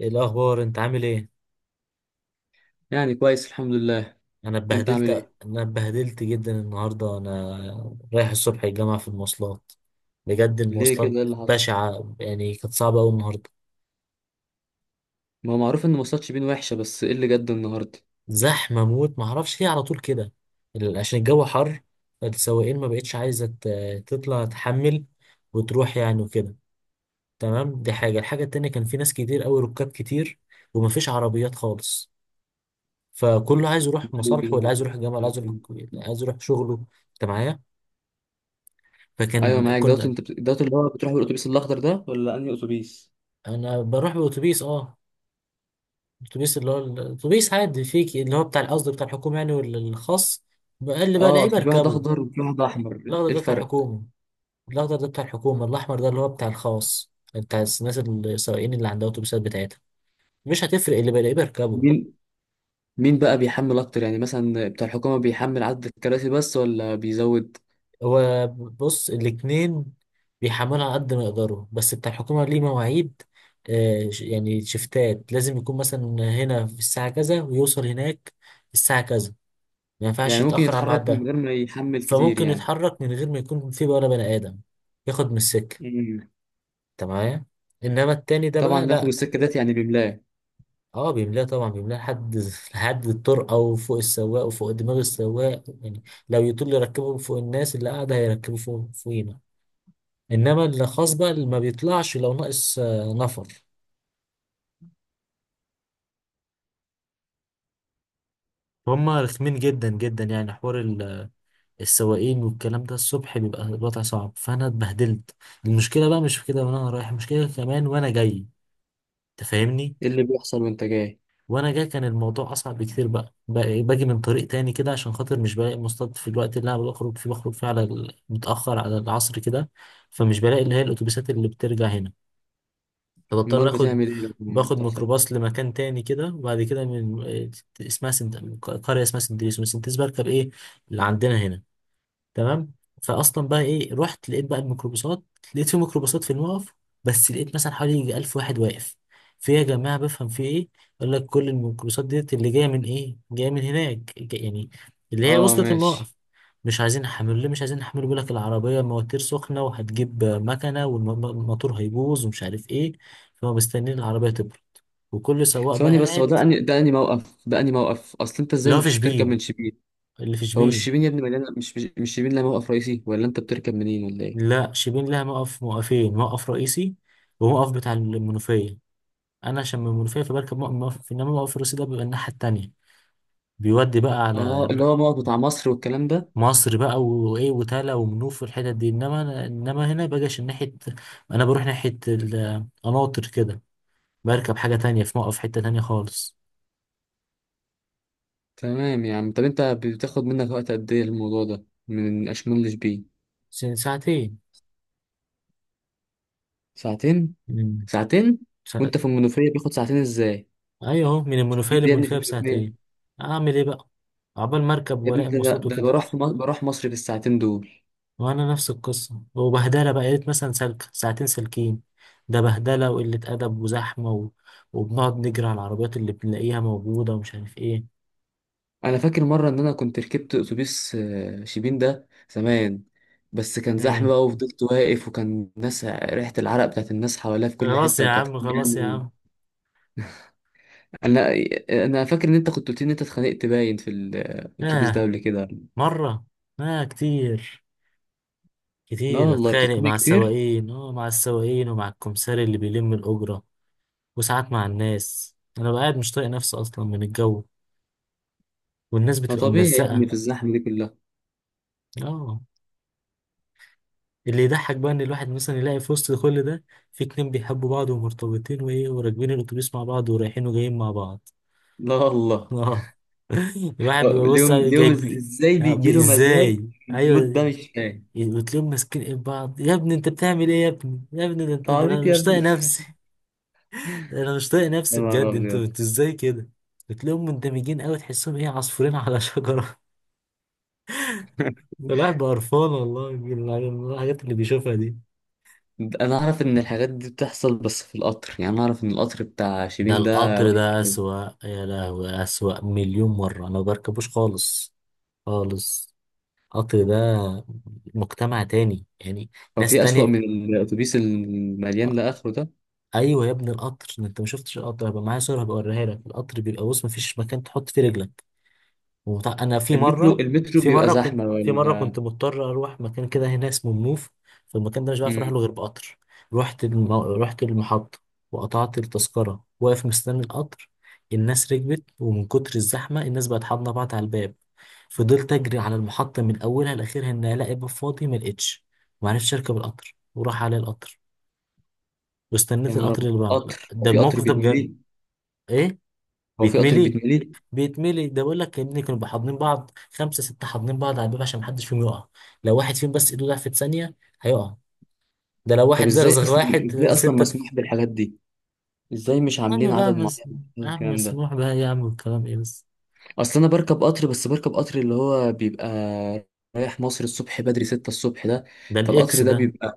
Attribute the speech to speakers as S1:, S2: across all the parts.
S1: ايه الاخبار؟ انت عامل ايه؟
S2: يعني كويس الحمد لله.
S1: انا
S2: انت عامل
S1: اتبهدلت.
S2: ايه؟
S1: انا اتبهدلت جدا النهارده. انا رايح الصبح الجامعه في المواصلات. بجد
S2: ليه
S1: المواصلات
S2: كده، ايه اللي حصل؟
S1: بشعه، يعني كانت صعبه قوي النهارده.
S2: ما هو معروف ان ماتشات شبين وحشه، بس ايه اللي جد النهارده؟
S1: زحمه موت، ما اعرفش ليه على طول كده. عشان الجو حر، فالسواقين ما بقتش عايزه تطلع تحمل وتروح يعني وكده. تمام، دي حاجه. الحاجه التانية كان في ناس كتير قوي، ركاب كتير ومفيش عربيات خالص. فكله عايز يروح مصالحه، واللي عايز يروح الجامعه، اللي عايز يروح، اللي عايز يروح شغله. انت معايا؟
S2: ايوه
S1: فكان
S2: معاك دوت.
S1: كنا.
S2: دوت اللي هو بتروح بالاتوبيس الاخضر ده ولا انهي اتوبيس؟
S1: انا بروح باوتوبيس، اه. اتوبيس اللي هو الاتوبيس عادي فيك، اللي هو بتاع القصد بتاع الحكومه يعني والخاص. بقى
S2: اه،
S1: الاقيه
S2: اصل في واحد
S1: بركبه.
S2: اخضر وفي واحد احمر،
S1: الاخضر
S2: ايه
S1: ده بتاع
S2: الفرق؟
S1: الحكومه. الاخضر ده بتاع الحكومه، الاحمر ده اللي هو بتاع الخاص بتاع الناس السواقين اللي عندها اتوبيسات بتاعتها. مش هتفرق، اللي بلاقيه بركبه.
S2: مين؟ مين بقى بيحمل اكتر، يعني مثلا بتاع الحكومه بيحمل عدد الكراسي بس ولا بيزود؟
S1: هو بص، الاتنين بيحملوا على قد ما يقدروا، بس بتاع الحكومه ليه مواعيد. يعني شفتات، لازم يكون مثلا هنا في الساعه كذا ويوصل هناك الساعه كذا. ما ينفعش
S2: يعني ممكن
S1: يتأخر على الميعاد
S2: يتحرك من
S1: ده.
S2: غير ما يحمل كتير
S1: فممكن
S2: يعني؟
S1: يتحرك من غير ما يكون في بقى ولا بني آدم، ياخد من السكة.
S2: مم.
S1: انت معايا؟ انما التاني ده
S2: طبعا
S1: بقى
S2: بياخد
S1: لا.
S2: السكه ديت، يعني بيملاه.
S1: اه بيملاه، طبعا بيملاه لحد لحد الطرقه وفوق السواق وفوق دماغ السواق يعني. لو يطول يركبه فوق الناس اللي قاعده، هيركبه فوق فوقينا. انما اللي خاص بقى، اللي ما بيطلعش لو ناقص نفر. هم رخمين جدا جدا يعني. حوار السواقين والكلام ده الصبح بيبقى الوضع صعب، فانا اتبهدلت. المشكله بقى مش في كده وانا رايح، المشكله كمان وانا جاي. تفهمني؟
S2: ايه اللي بيحصل وانت جاي؟
S1: وانا جاي كان الموضوع اصعب بكتير بقى. بقى- إيه، باجي من طريق تاني كده عشان خاطر مش بلاقي مصطاد في الوقت اللي انا بخرج فيه. بخرج فيه على متاخر على العصر كده. فمش بلاقي اللي هي الاتوبيسات اللي بترجع هنا. فبضطر
S2: امال
S1: اخد،
S2: بتعمل ايه لما
S1: باخد
S2: بتحصل؟
S1: ميكروباص لمكان تاني كده، وبعد كده من اسمها سنت... قريه اسمها سنتريس. ومن سنتريس بركب ايه اللي عندنا هنا. تمام. فاصلا بقى ايه، رحت لقيت بقى الميكروباصات. لقيت في ميكروباصات في الموقف، بس لقيت مثلا حوالي يجي 1000 واحد واقف. في يا جماعه، بفهم في ايه؟ يقول لك كل الميكروباصات ديت اللي جايه من ايه، جايه من هناك يعني اللي هي
S2: اه
S1: وصلت
S2: ماشي.
S1: الموقف. مش عايزين نحمل. ليه مش عايزين نحمل؟ بيقول لك العربيه مواتير سخنه وهتجيب مكنه والموتور هيبوظ ومش عارف ايه. فهم مستنيين العربيه تبرد، وكل سواق بقى
S2: ثواني بس، هو
S1: قاعد.
S2: ده اني، ده اني موقف، ده اني موقف؟ اصل انت
S1: اللي
S2: ازاي
S1: هو في
S2: مش بتركب
S1: شبين،
S2: من شبين؟
S1: اللي في
S2: هو مش
S1: شبين.
S2: شبين يا ابني مليانه، مش شبين، لا موقف رئيسي، ولا انت بتركب منين ولا ايه؟
S1: لا شبين لها موقف، موقفين: موقف رئيسي وموقف بتاع المنوفية. أنا عشان من المنوفية فبركب موقف موقف، إنما موقف الرئيسي ده بيبقى الناحية التانية، بيودي بقى
S2: اه
S1: على
S2: اللي هو موقف بتاع مصر والكلام ده.
S1: مصر بقى وإيه وتالا ومنوف والحتت دي. إنما أنا إنما هنا بجيش ناحية، أنا بروح ناحية القناطر كده. بركب حاجة تانية في موقف، حتة تانية خالص.
S2: تمام يا عم. طب انت بتاخد منك وقت قد ايه الموضوع ده من اشمون لشبين؟
S1: ساعتين.
S2: ساعتين؟
S1: مم.
S2: ساعتين.
S1: ساعت...
S2: وانت في المنوفيه بياخد ساعتين ازاي؟
S1: أيوه أهو، من المنوفية
S2: انت يا ابني في
S1: للمنوفية
S2: المنوفيه.
S1: بساعتين. أعمل إيه بقى؟ عقبال مركب
S2: يا ابني،
S1: وألاقي
S2: ده ده
S1: مواصلات
S2: ده انا
S1: وكده.
S2: بروح في مصر، بروح مصر في الساعتين دول.
S1: وانا نفس القصه وبهدله بقى. يا ريت مثلا سلك ساعتين سالكين. ده بهدله وقله ادب وزحمه و... وبنقعد نجري على العربيات اللي بنلاقيها موجوده ومش عارف ايه.
S2: انا فاكر مره ان انا كنت ركبت اتوبيس شيبين ده زمان. بس كان زحمه
S1: امم.
S2: بقى وفضلت واقف، وكان ناس ريحه العرق بتاعت الناس حواليا في كل
S1: خلاص
S2: حته،
S1: يا
S2: وكانت
S1: عم، خلاص يا
S2: يعني...
S1: عم.
S2: انا انا فاكر ان انت كنت قلت لي ان انت اتخانقت باين في الاتوبيس ده
S1: اه،
S2: قبل كده.
S1: مره. اه كتير.
S2: لا
S1: كتير
S2: والله
S1: اتخانق
S2: بتتخانق
S1: مع
S2: كتير.
S1: السواقين، اه، مع السواقين ومع الكمساري اللي بيلم الاجره. وساعات مع الناس. انا بقى قاعد مش طايق نفسي اصلا من الجو، والناس
S2: ما
S1: بتبقى
S2: طبيعي يا ابني
S1: ملزقه.
S2: في الزحمه دي كلها.
S1: اه. اللي يضحك بقى ان الواحد مثلا يلاقي في وسط كل ده في اتنين بيحبوا بعض ومرتبطين وايه، وراكبين الاتوبيس مع بعض ورايحين وجايين مع بعض.
S2: لا والله.
S1: اه. الواحد بيبقى
S2: اليوم اليوم
S1: جايب
S2: ازاي بيجي
S1: يعني
S2: له مزاج؟
S1: ازاي.
S2: المود ده
S1: ايوه.
S2: مش فاهم.
S1: وتلاقيهم ماسكين ايد بعض. يا ابني انت بتعمل ايه؟ يا ابني يا ابني، ده انت، ده
S2: تعبيط
S1: انا
S2: يا
S1: مش طايق
S2: ابني.
S1: نفسي. ده انا مش طايق
S2: يا
S1: نفسي
S2: نهار
S1: بجد. انتوا
S2: ابيض.
S1: ازاي كده؟ بتلاقيهم مندمجين قوي، تحسهم ايه، عصفورين على شجره. الواحد بقى قرفان والله من الحاجات اللي بيشوفها دي.
S2: انا اعرف ان الحاجات دي بتحصل بس في القطر، يعني انا اعرف ان القطر بتاع
S1: ده
S2: شيبين ده
S1: القطر
S2: وحش
S1: ده
S2: قوي.
S1: أسوأ، يا لهوي أسوأ مليون مرة. أنا ما بركبوش خالص، خالص. القطر ده مجتمع تاني يعني،
S2: هو
S1: ناس
S2: في اسوأ
S1: تانية.
S2: من الاتوبيس المليان لاخره ده؟
S1: أيوة يا ابني القطر. أنت ما شفتش القطر. هبقى معايا صورة، هبقى أوريها لك. القطر بيبقى بص، مفيش مكان تحط فيه رجلك. وط- انا في
S2: المترو،
S1: مره
S2: المترو
S1: في
S2: بيبقى
S1: مره كنت،
S2: زحمه ولا؟
S1: مضطر اروح مكان كده هنا اسمه منوف. فالمكان ده مش بعرف اروح
S2: امم.
S1: له غير بقطر. رحت المحطه وقطعت التذكره، واقف مستني القطر. الناس ركبت، ومن كتر الزحمه الناس بقت حاضنه بعض على الباب. فضلت اجري على المحطه من اولها لاخرها ان الاقي باب فاضي، ما لقيتش. ما عرفتش اركب القطر، وراح على القطر.
S2: يا
S1: واستنيت
S2: نهار
S1: القطر
S2: أبيض.
S1: اللي بعده.
S2: قطر، هو
S1: ده
S2: في قطر
S1: الموقف ده بجد.
S2: بيتملي؟
S1: ايه،
S2: هو في قطر
S1: بيتملي؟
S2: بيتملي؟
S1: بيتملي، ده بيقول لك يا ابني كانوا بيحضنين بعض، خمسه سته حاضنين بعض على الباب عشان محدش فيهم يقع. لو واحد فيهم بس ايده ضعفت ثانيه، هيقع. ده لو
S2: طب
S1: واحد
S2: ازاي
S1: زغزغ
S2: اصلا،
S1: واحد،
S2: ازاي اصلا
S1: سته
S2: مسموح بالحاجات دي؟ ازاي مش
S1: يا عم
S2: عاملين
S1: بقى
S2: عدد معين
S1: يا
S2: من
S1: عم
S2: الكلام ده؟
S1: مسموح بقى يا عم، الكلام ايه بس.
S2: اصل انا بركب قطر، بس بركب قطر اللي هو بيبقى رايح مصر الصبح بدري 6 الصبح ده.
S1: ده الاكس
S2: فالقطر ده
S1: ده.
S2: بيبقى،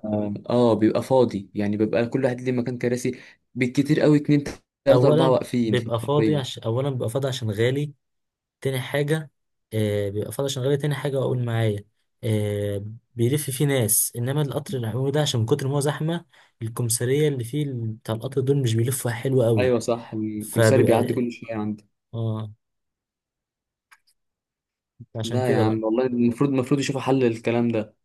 S2: اه بيبقى فاضي، يعني بيبقى كل واحد ليه مكان كراسي. بالكتير قوي اتنين تلاتة اربعة
S1: اولا
S2: واقفين في
S1: بيبقى فاضي عشان،
S2: العربية.
S1: اولا بيبقى فاضي عشان غالي. تاني حاجه، آه، بيبقى فاضي عشان غالي. تاني حاجه اقول معايا، آه، بيلف فيه ناس. انما القطر العمومي ده، عشان من كتر ما هو زحمه الكمثريه اللي فيه بتاع القطر دول مش بيلفوا حلو قوي،
S2: ايوه صح، الكمساري بيعدي
S1: فبيبقى،
S2: كل شوية عندي.
S1: اه، عشان
S2: لا يا
S1: كده بقى.
S2: عم والله، المفروض المفروض يشوفوا حل للكلام ده.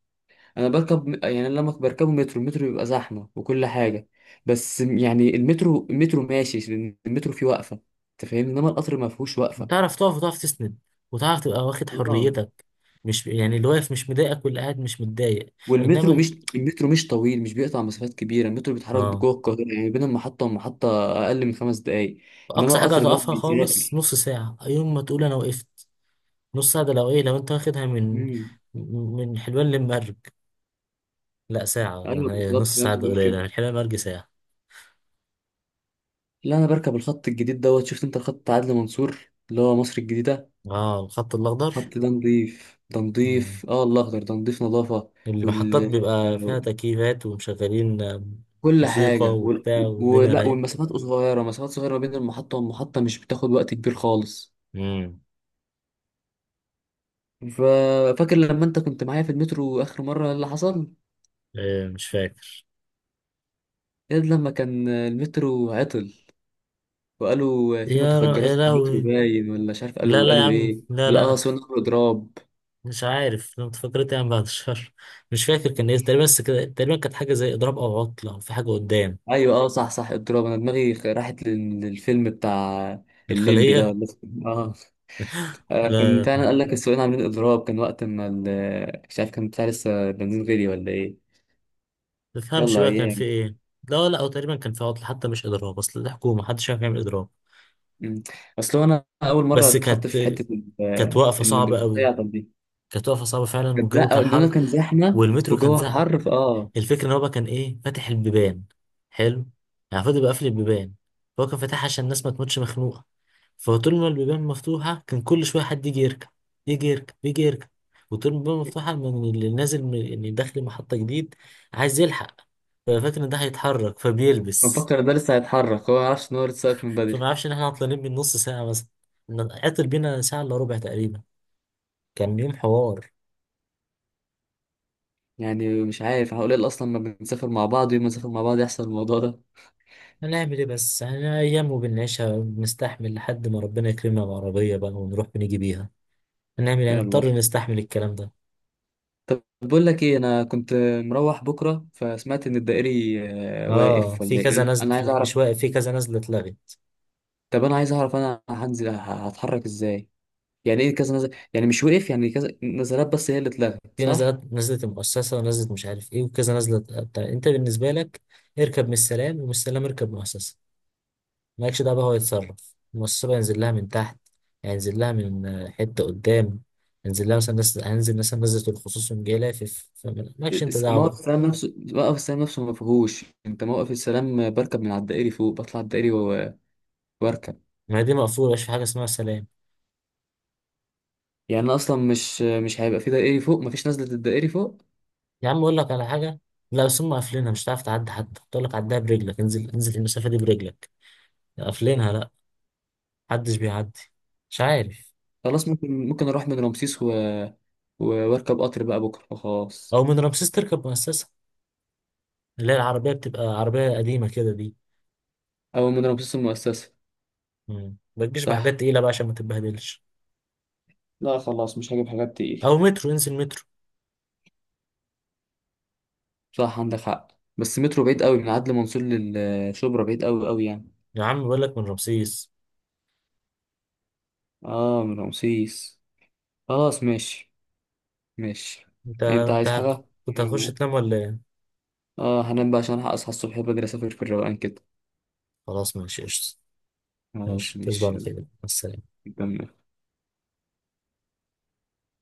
S2: انا بركب يعني لما بركبه مترو، المترو بيبقى زحمة وكل حاجة. بس يعني المترو، المترو ماشي. المترو فيه وقفة. انت فاهمني، انما القطر ما فيهوش
S1: تعرف تقف وتعرف تسند وتعرف تبقى واخد
S2: وقفة.
S1: حريتك. مش يعني، اللي واقف مش مضايقك واللي قاعد مش متضايق.
S2: والمترو
S1: انما
S2: مش المترو مش طويل، مش بيقطع مسافات كبيره. المترو بيتحرك
S1: اه،
S2: جوه القاهره، يعني بين المحطه والمحطه اقل من 5 دقائق. انما
S1: اقصى حاجه
S2: القطر ده
S1: هتقفها خالص
S2: بيسافر.
S1: نص ساعه يوم ما تقول انا وقفت. نص ساعه ده لو ايه، لو انت واخدها من
S2: امم.
S1: من حلوان للمرج. لا ساعه
S2: ايوه
S1: يعني،
S2: بالظبط
S1: نص
S2: زي ما
S1: ساعه
S2: انت
S1: ده
S2: بتقول
S1: قليله،
S2: كده.
S1: من حلوان للمرج ساعه.
S2: لا انا بركب الخط الجديد دوت. شفت انت الخط بتاع عدلي منصور اللي هو مصر الجديده؟
S1: اه الخط الاخضر.
S2: الخط ده نضيف، ده
S1: اه
S2: نضيف، اه الاخضر ده نضيف نظافه.
S1: المحطات
S2: وال
S1: بيبقى فيها تكييفات ومشغلين
S2: كل
S1: موسيقى
S2: حاجه
S1: وبتاع، والدنيا
S2: ولا،
S1: رايقه.
S2: والمسافات صغيره، مسافات صغيره ما بين المحطه والمحطه، مش بتاخد وقت كبير خالص.
S1: امم.
S2: ففاكر لما انت كنت معايا في المترو اخر مره اللي حصل؟
S1: إيه؟ مش فاكر.
S2: ايه لما كان المترو عطل، وقالوا في متفجرات
S1: يا
S2: في المترو
S1: لهوي.
S2: باين، ولا مش عارف
S1: لا
S2: قالوا،
S1: لا يا
S2: قالوا ايه
S1: عم، لا لا أنا
S2: بالاقصى، قالوا اضراب؟
S1: مش عارف. لو تفكرت يعني بعد الشهر، مش فاكر كان ايه تقريبا. بس كده تقريبا كانت حاجه زي اضراب او عطله او في حاجه قدام.
S2: ايوه اه صح صح اضراب، انا دماغي راحت للفيلم بتاع الليمبي ده
S1: الخليه.
S2: ولا إيه؟ اه. كان
S1: لا
S2: فعلا
S1: لا،
S2: قال لك السواقين عاملين اضراب؟ كان وقت ما مش عارف كان بتاع لسه بنزين غالي ولا ايه؟
S1: ما تفهمش
S2: يلا
S1: بقى كان في
S2: ايام.
S1: ايه. لا لا، او تقريبا كان في عطله حتى مش اضراب، اصل دي حكومه محدش عارف يعمل اضراب.
S2: مم. اصل هو انا اول مره
S1: بس
S2: اتحط
S1: كانت،
S2: في حته
S1: كانت واقفه
S2: ان
S1: صعبه
S2: المترو
S1: قوي. كانت واقفه صعبه فعلا
S2: كانت
S1: والجو
S2: أو
S1: كان
S2: إنه
S1: حر.
S2: كان زحمة
S1: والمترو كان
S2: وجوه
S1: زحم.
S2: حر فآه
S1: الفكره ان هو بقى كان ايه، فاتح البيبان. حلو. يعني فضل بقى قافل البيبان. هو كان فاتحها عشان الناس ما تموتش مخنوقه. فطول ما البيبان مفتوحة كان كل شوية حد يجي يركب، يجي يركب، يجي يركب. وطول ما البيبان مفتوحة، من اللي نازل من اللي داخل محطة جديد عايز يلحق، ففاكر إن ده هيتحرك فبيلبس.
S2: بفكر ده لسه هيتحرك، هو معرفش إن هو لسه واقف من
S1: فما
S2: بدري.
S1: عرفش إن إحنا عطلانين من نص ساعة مثلا. عطل بينا ساعة إلا ربع تقريبا. كان يوم حوار.
S2: يعني مش عارف هقول إيه أصلا، ما بنسافر مع بعض، يوم ما نسافر مع بعض يحصل الموضوع ده.
S1: هنعمل إيه بس يعني، أيام وبنعيشها، بنستحمل لحد ما ربنا يكرمنا بعربية بقى ونروح ونيجي بيها. هنعمل يعني،
S2: يلا.
S1: نضطر نستحمل الكلام ده.
S2: طب بقول لك إيه؟ أنا كنت مروح بكرة فسمعت إن الدائري...
S1: آه
S2: واقف
S1: في
S2: ولا إيه؟
S1: كذا
S2: أنا
S1: نزلة،
S2: أنا عايز
S1: لأ،
S2: أعرف.
S1: مش واقف، في كذا نزلة اتلغت.
S2: طب أنا عايز أعرف، أنا هنزل هتحرك إزاي؟ يعني إيه كذا نزل يعني مش وقف، يعني كذا نزلات بس هي اللي اتلغت،
S1: في
S2: صح؟
S1: نزلات، نزلة المؤسسة ونزلة مش عارف ايه وكذا نزلة. بتاع انت بالنسبة لك، اركب من السلام، ومن السلام اركب مؤسسة. مالكش دعوة بقى، هو يتصرف، المؤسسة بقى ينزل لها من تحت، يعني ينزل لها من حتة قدام. ينزل لها مثلا نزلة، هنزل مثلا نزلة الخصوص يوم جاي لافف، فمالكش انت دعوة بقى.
S2: موقف السلام نفسه، موقف السلام نفسه ما فيهوش. انت موقف السلام بركب من على الدائري فوق، بطلع الدائري واركب.
S1: ما هي دي مقفولة، مش في حاجة اسمها سلام.
S2: يعني انا اصلا مش هيبقى في دائري فوق، مفيش نزلة الدائري فوق.
S1: يا عم اقول لك على حاجة. لا بس هم قافلينها، مش هتعرف تعدي، حتى تقول لك عدها برجلك، انزل انزل المسافة دي برجلك. قافلينها، لا محدش بيعدي، مش عارف.
S2: خلاص، ممكن اروح من رمسيس و- واركب قطر بقى بكره وخلاص.
S1: او من رمسيس تركب مؤسسة، اللي هي العربية بتبقى عربية قديمة كده دي.
S2: او من رمسيس المؤسسة.
S1: مم. ما تجيش بحاجات
S2: صح.
S1: تقيلة بقى عشان ما تتبهدلش.
S2: لا خلاص مش هجيب حاجات تقيلة.
S1: أو مترو، انزل مترو.
S2: صح عندك حق. بس مترو بعيد قوي، من عدلي منصور للشبرا بعيد قوي قوي يعني.
S1: يا عم بقول لك من رمسيس.
S2: اه من رمسيس. خلاص ماشي. ماشي.
S1: أنت
S2: انت عايز حاجة؟
S1: كنت هتخش تنام ولا إيه؟
S2: اه هنام بقى عشان ألحق اصحى الصبح بدري، اسافر في الروقان كده.
S1: خلاص ماشي قشطة.
S2: خلاص
S1: ماشي، تصبح
S2: ماشي
S1: على
S2: يلا.
S1: خير، مع السلامة.
S2: نكمل.